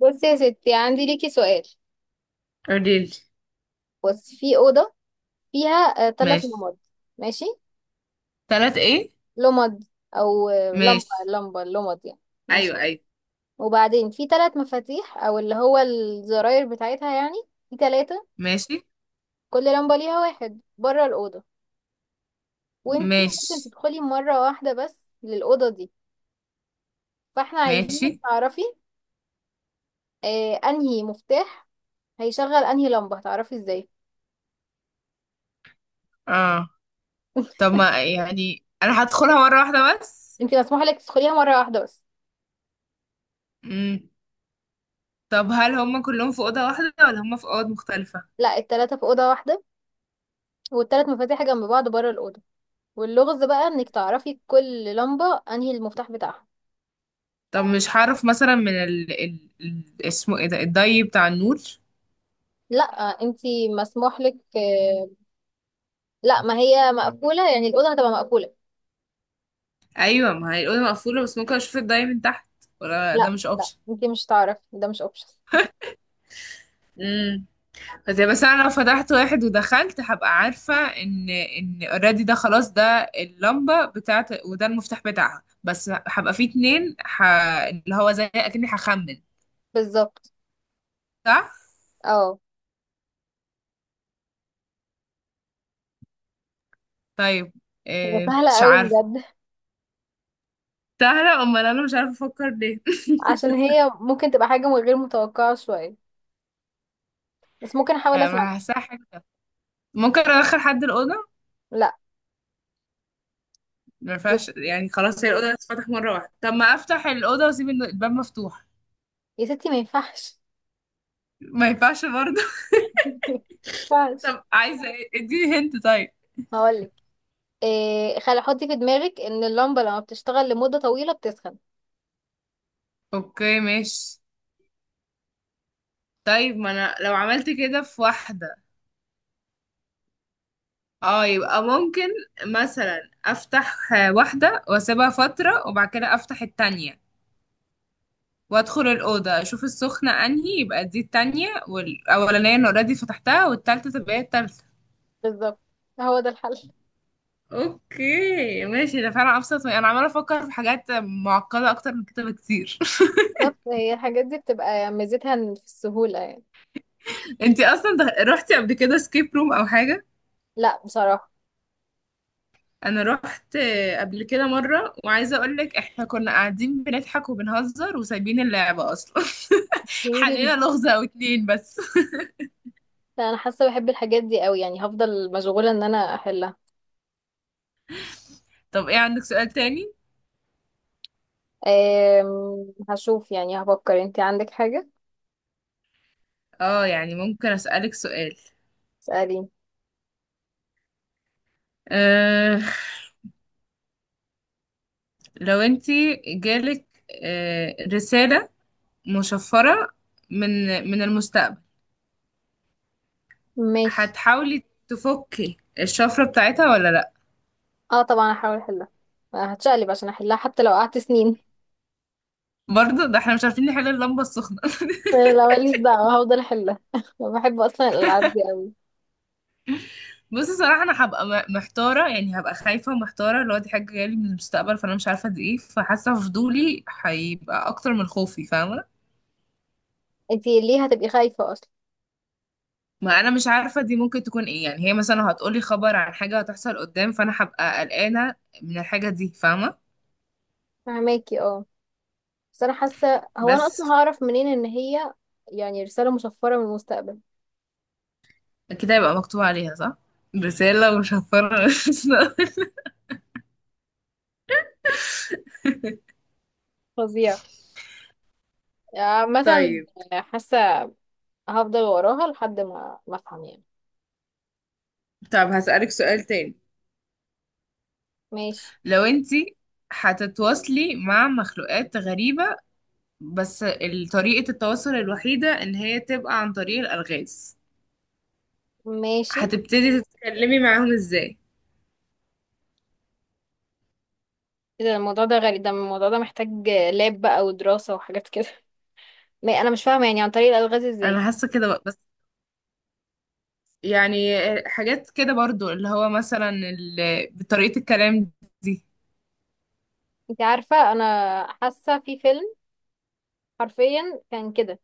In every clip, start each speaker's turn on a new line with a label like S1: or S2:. S1: بصي يا ستي، عندي ليكي سؤال.
S2: قوليلي.
S1: بصي، في أوضة فيها ثلاث
S2: ماشي.
S1: لمض. ماشي.
S2: تلات ايه؟
S1: لمض أو لمبة
S2: ماشي.
S1: لمبة، لمض يعني. ماشي.
S2: ايوه ايوه.
S1: وبعدين في ثلاث مفاتيح، أو اللي هو الزراير بتاعتها يعني، في ثلاثة.
S2: ماشي.
S1: كل لمبة ليها واحد بره الأوضة. وانتي
S2: ماشي.
S1: ممكن تدخلي مرة واحدة بس للأوضة دي. فاحنا عايزينك
S2: ماشي.
S1: تعرفي أنهي مفتاح هيشغل أنهي لمبة. هتعرفي ازاي؟
S2: اه. طب ما يعني انا هدخلها مرة واحدة بس.
S1: انتي مسموح لك تدخليها مرة واحدة بس.
S2: مم. طب هل هم كلهم في أوضة واحدة ولا هم في أوض مختلفة؟
S1: لا، التلاتة في أوضة واحدة، والتلات مفاتيح جنب بعض بره الأوضة. واللغز بقى انك تعرفي كل لمبة انهي المفتاح بتاعها.
S2: طب مش هعرف مثلا من اسمه ايه ده، الضي بتاع النور؟
S1: لا، انتي مسموح لك لا، ما هي مقفولة، يعني الأوضة هتبقى مقفولة.
S2: ايوه، ما هي الأوضة مقفولة، بس ممكن اشوف الضي من تحت، ولا ده
S1: لا
S2: مش
S1: لا، انتي مش تعرفي، ده مش اوبشن.
S2: اوبشن؟ زي، بس انا لو فتحت واحد ودخلت هبقى عارفه ان اوريدي ده خلاص، ده اللمبه بتاعت وده المفتاح بتاعها، بس هبقى في اتنين اللي هو زي اكني هخمن،
S1: بالظبط.
S2: صح؟
S1: اه.
S2: طيب.
S1: هي
S2: إيه،
S1: سهلة
S2: مش
S1: قوي
S2: عارفه.
S1: بجد.
S2: سهله؟ امال انا مش عارفه افكر ليه؟
S1: عشان هي ممكن تبقى حاجة غير متوقعة شوية، بس ممكن احاول اسمع.
S2: ما هحسها حاجه. ممكن ادخل حد الاوضه؟
S1: لا.
S2: ما ينفعش
S1: بصي،
S2: يعني؟ خلاص، هي الاوضه هتتفتح مره واحده، طب ما افتح الاوضه واسيب الباب مفتوح.
S1: يا ستي ما ينفعش.
S2: ما ينفعش برضه؟
S1: ما ينفعش.
S2: طب عايزه إيه؟ اديني هنت طيب.
S1: هقولك إيه، خلي حطي في دماغك ان اللمبة لما بتشتغل لمدة طويلة بتسخن.
S2: اوكي ماشي. طيب، ما انا لو عملت كده في واحدة، اه، يبقى ممكن مثلا افتح واحدة واسيبها فترة وبعد كده افتح التانية وادخل الأوضة اشوف السخنة انهي، يبقى دي التانية، والاولانية انا اوريدي فتحتها، والتالتة تبقى هي التالتة.
S1: بالظبط، هو ده الحل.
S2: اوكي ماشي، ده فعلا ابسط انا عمالة افكر في حاجات معقدة اكتر من كده بكتير.
S1: بالظبط، هي الحاجات دي بتبقى ميزتها إن في السهولة يعني.
S2: انتي اصلا روحتي قبل كده سكيب روم او حاجة؟
S1: لا بصراحة.
S2: انا رحت قبل كده مره، وعايزه اقول لك احنا كنا قاعدين بنضحك وبنهزر وسايبين اللعبه اصلا.
S1: يمكن.
S2: حلينا لغزه او اتنين بس.
S1: لا، أنا حاسة بحب الحاجات دي قوي، يعني هفضل مشغولة إن أنا أحلها.
S2: طب ايه، عندك سؤال تاني؟
S1: هشوف يعني، هفكر. انتي عندك حاجة؟
S2: اه يعني، ممكن اسالك سؤال.
S1: اسأليني.
S2: أه لو انتي جالك رساله مشفره من من المستقبل،
S1: ماشي،
S2: هتحاولي تفكي الشفره بتاعتها ولا لا؟
S1: اه طبعا هحاول أحلها. هتشقلب عشان أحلها حتى لو قعدت سنين.
S2: برضه ده احنا مش عارفين نحل اللمبه السخنه.
S1: لا ماليش دعوة، هفضل أحلها. بحب أصلا الألعاب دي قوي.
S2: بصي، صراحة أنا هبقى محتارة يعني، هبقى خايفة ومحتارة، اللي هو دي حاجة جاية لي من المستقبل، فأنا مش عارفة دي إيه، فحاسة فضولي هيبقى أكتر من خوفي. فاهمة؟
S1: انتي ليه هتبقي خايفة أصلا؟
S2: ما أنا مش عارفة دي ممكن تكون إيه، يعني هي مثلا هتقولي خبر عن حاجة هتحصل قدام، فأنا هبقى قلقانة من الحاجة دي. فاهمة؟
S1: فهماكي اه. بس أنا حاسة، هو أنا أصلا
S2: بس
S1: هعرف منين إن هي يعني رسالة مشفرة من المستقبل؟
S2: كده يبقى مكتوب عليها، صح؟ رسالة وشفرة.
S1: فظيعة. آه، مثلا.
S2: طيب.
S1: حاسة هفضل وراها لحد ما افهم يعني.
S2: طب هسألك سؤال تاني.
S1: ماشي.
S2: لو انتي هتتواصلي مع مخلوقات غريبة، بس طريقة التواصل الوحيدة ان هي تبقى عن طريق الألغاز،
S1: ماشي.
S2: هتبتدي تتكلمي معاهم ازاي؟
S1: ايه ده؟ الموضوع ده غريب، ده الموضوع ده محتاج لاب بقى ودراسة وحاجات كده. ما انا مش فاهمة يعني عن طريق الألغاز ازاي.
S2: انا حاسة كده بقى. بس يعني، حاجات كده برضو، اللي هو مثلا بطريقة الكلام دي.
S1: انت عارفة، انا حاسة في فيلم حرفيا كان كده.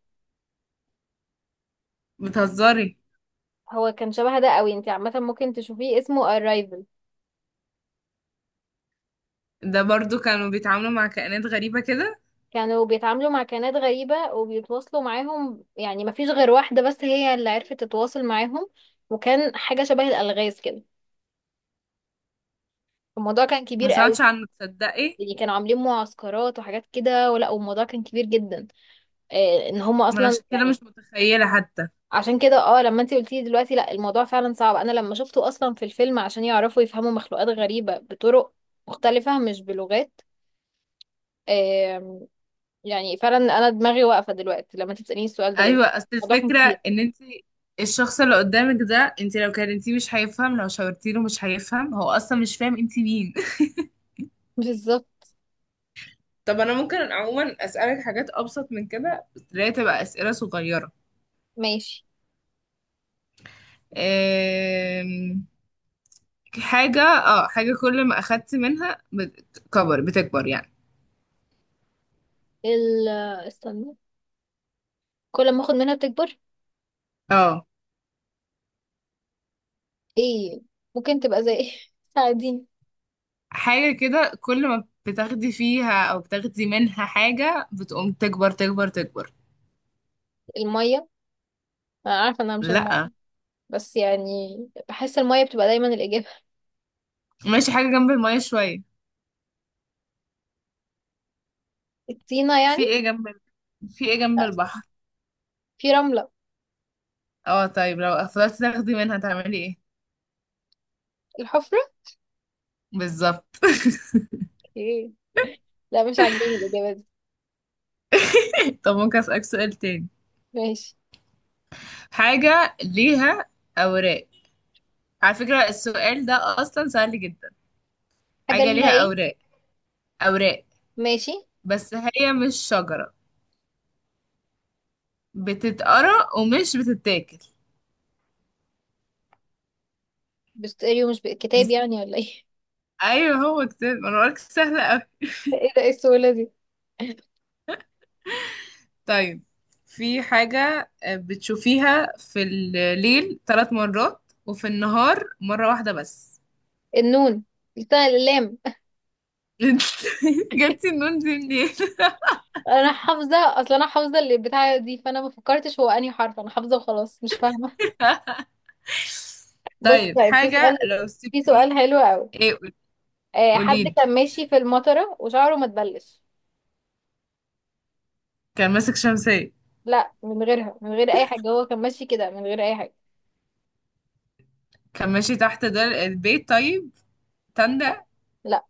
S2: بتهزري؟
S1: هو كان شبه ده قوي، انت عامة ممكن تشوفيه، اسمه Arrival.
S2: ده برضو كانوا بيتعاملوا مع كائنات غريبة كده.
S1: كانوا بيتعاملوا مع كائنات غريبة وبيتواصلوا معاهم، يعني مفيش غير واحدة بس هي اللي عرفت تتواصل معاهم. وكان حاجة شبه الألغاز كده. الموضوع كان
S2: ما
S1: كبير
S2: سمعتش
S1: قوي.
S2: عنه تصدقي.
S1: يعني كانوا عاملين معسكرات وحاجات كده، ولا والموضوع كان كبير جدا. ان هم
S2: ما انا
S1: اصلا
S2: عشان كده
S1: يعني.
S2: مش متخيلة حتى.
S1: عشان كده لما انت قلتي دلوقتي لا، الموضوع فعلا صعب. انا لما شفته اصلا في الفيلم، عشان يعرفوا يفهموا مخلوقات غريبة بطرق مختلفة مش بلغات. آم، يعني فعلا انا دماغي واقفة دلوقتي لما انت تسأليني السؤال ده، لان
S2: ايوه، اصل
S1: الموضوع كان
S2: الفكرة
S1: كبير.
S2: ان انت، الشخص اللي قدامك ده، انت لو كلمتيه مش هيفهم، لو شاورتيله مش هيفهم، هو اصلا مش فاهم انت مين.
S1: بالظبط.
S2: طب انا ممكن عموما اسالك حاجات ابسط من كده، بس اللي هي تبقى اسئله صغيره.
S1: ماشي.
S2: أم... حاجه كل ما اخدت منها بتكبر بتكبر يعني.
S1: ال آه، استنى، كل ما اخد منها بتكبر.
S2: اه،
S1: ايه ممكن تبقى زي إيه؟ ساعديني.
S2: حاجه كده كل ما بتاخدي فيها او بتاخدي منها حاجه بتقوم تكبر تكبر تكبر.
S1: المية. انا عارفة انها مش المية،
S2: لا.
S1: بس يعني بحس المية بتبقى دايما الإجابة.
S2: ماشي، حاجه جنب الميه شويه.
S1: الطينة يعني.
S2: في ايه جنب ال- في ايه جنب
S1: لا،
S2: البحر؟
S1: في رملة.
S2: اه طيب، لو فضلتي تاخدي منها تعملي ايه؟
S1: الحفرة.
S2: بالظبط.
S1: ايه. لا، مش عاجباني الإجابة دي.
S2: طب ممكن اسالك سؤال تاني.
S1: ماشي.
S2: حاجة ليها أوراق. على فكرة السؤال ده أصلا سهل جدا.
S1: حاجة
S2: حاجة
S1: ليها
S2: ليها
S1: ايه؟
S2: أوراق، أوراق،
S1: ماشي.
S2: بس هي مش شجرة، بتتقرأ ومش بتتاكل.
S1: بستقري، مش
S2: دي
S1: كتاب
S2: س-
S1: يعني، ولا ايه؟
S2: أيوه هو كتاب، أنا بقولك سهلة أوي.
S1: ايه ده؟ ايه السهولة دي؟
S2: طيب، في حاجة بتشوفيها في الليل 3 مرات وفي النهار مرة واحدة بس.
S1: النون، التاء، اللام.
S2: انت جبتي النون دي منين؟
S1: انا حافظة اصلا، انا حافظة اللي بتاع دي، فانا ما فكرتش هو انهي حرف، انا حافظة وخلاص مش فاهمة. بص،
S2: طيب،
S1: طيب في
S2: حاجة
S1: سؤال.
S2: لو سبت...
S1: في سؤال حلو قوي.
S2: ايه؟
S1: حد
S2: قوليلي.
S1: كان ماشي في المطرة وشعره ما تبلش.
S2: كان ماسك شمسية؟
S1: لا، من غيرها، من غير اي حاجة، هو كان ماشي كده من غير اي حاجة.
S2: كان ماشي تحت دار البيت طيب. تندى.
S1: لا.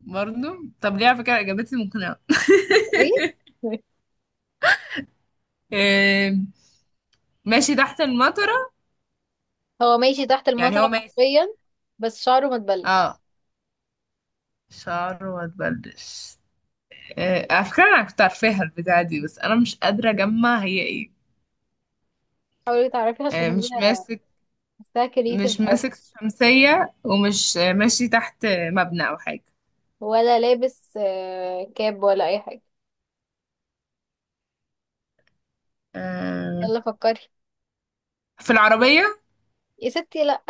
S2: برضه؟ طب ليه؟ على فكرة إجابتي مقنعة.
S1: ايه.
S2: آم، ماشي تحت المطرة،
S1: هو ماشي تحت
S2: يعني هو
S1: المطرة
S2: ماشي.
S1: حرفيا، بس شعره ما تبلش.
S2: اه، شعره ما تبلش. على فكرة أنا كنت عارفاها البتاعة دي، بس أنا مش قادرة أجمع هي إيه.
S1: حاولي تعرفي، عشان
S2: آه،
S1: هي
S2: مش ماسك
S1: حاساها كريتيف
S2: مش
S1: قوي.
S2: ماسك شمسية، ومش ماشي تحت مبنى أو حاجة.
S1: ولا لابس كاب ولا اي حاجة.
S2: آه،
S1: يلا فكري.
S2: في العربية.
S1: يا ستي لا.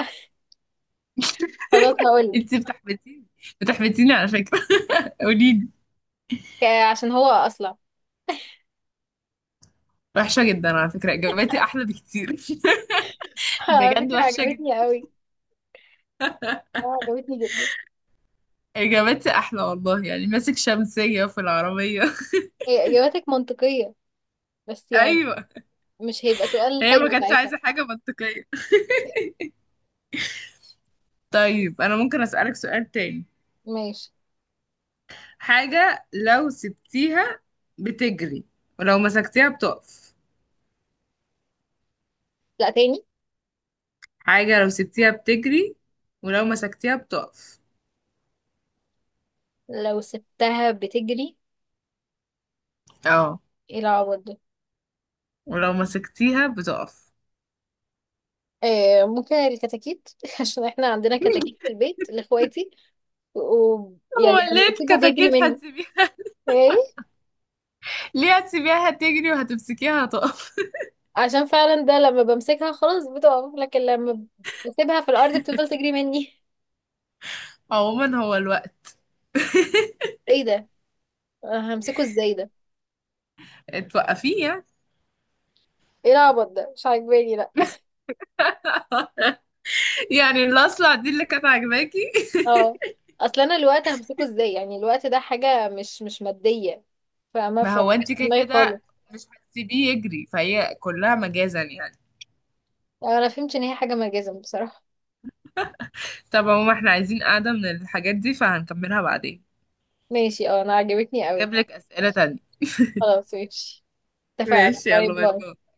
S1: خلاص هقولك.
S2: انتي بتحبتيني، بتحبتيني على فكرة. قوليلي.
S1: عشان هو اصلع.
S2: وحشة جدا، على فكرة إجاباتي أحلى بكتير.
S1: على
S2: بجد
S1: فكرة
S2: وحشة جدا.
S1: عجبتني قوي. عجبتني جدا.
S2: إجابتي أحلى والله، يعني ماسك شمسية في العربية.
S1: هي اجاباتك منطقية، بس يعني
S2: أيوة.
S1: مش هيبقى سؤال
S2: هي
S1: حلو
S2: ما كانتش
S1: ساعتها.
S2: عايزة حاجة منطقية. طيب، أنا ممكن أسألك سؤال تاني.
S1: ماشي.
S2: حاجة لو سبتيها بتجري، ولو مسكتيها بتقف.
S1: لا تاني.
S2: حاجة لو سبتيها بتجري، ولو مسكتيها بتقف.
S1: لو سبتها بتجري.
S2: اه،
S1: ايه العبط ده؟
S2: ولو مسكتيها بتقف.
S1: ممكن الكتاكيت. عشان احنا عندنا كتاكيت في البيت لاخواتي، ويعني
S2: هو
S1: لما
S2: ليه
S1: بسيبه بيجري
S2: الكتاكيت
S1: مني.
S2: هتسيبيها؟
S1: ايه.
S2: ليه هتسيبيها هتجري وهتمسكيها هتقف؟
S1: عشان فعلا ده لما بمسكها خلاص بتقف، لكن لما بسيبها في الارض بتفضل تجري مني.
S2: عموما هو الوقت،
S1: ايه ده؟ أنا همسكه ازاي ده؟
S2: توقفيه يعني.
S1: ايه العبط ده، مش عاجباني لا.
S2: يعني الاصلع دي اللي كانت عاجباكي؟
S1: اه. اصل انا الوقت همسكه ازاي؟ يعني الوقت ده حاجه مش ماديه، فما
S2: ما
S1: فمش
S2: هو انت
S1: في
S2: كده
S1: دماغي خالص.
S2: كده مش هتسيبيه يجري، فهي كلها مجازا يعني.
S1: انا فهمت ان هي حاجه ملجزم بصراحه.
S2: طب عموما احنا عايزين قاعدة من الحاجات دي، فهنكملها بعدين.
S1: ماشي اه، انا عجبتني قوي.
S2: جاب لك أسئلة تانية.
S1: خلاص ماشي، اتفقنا.
S2: ماشي،
S1: باي
S2: يلا. باي
S1: باي.
S2: باي.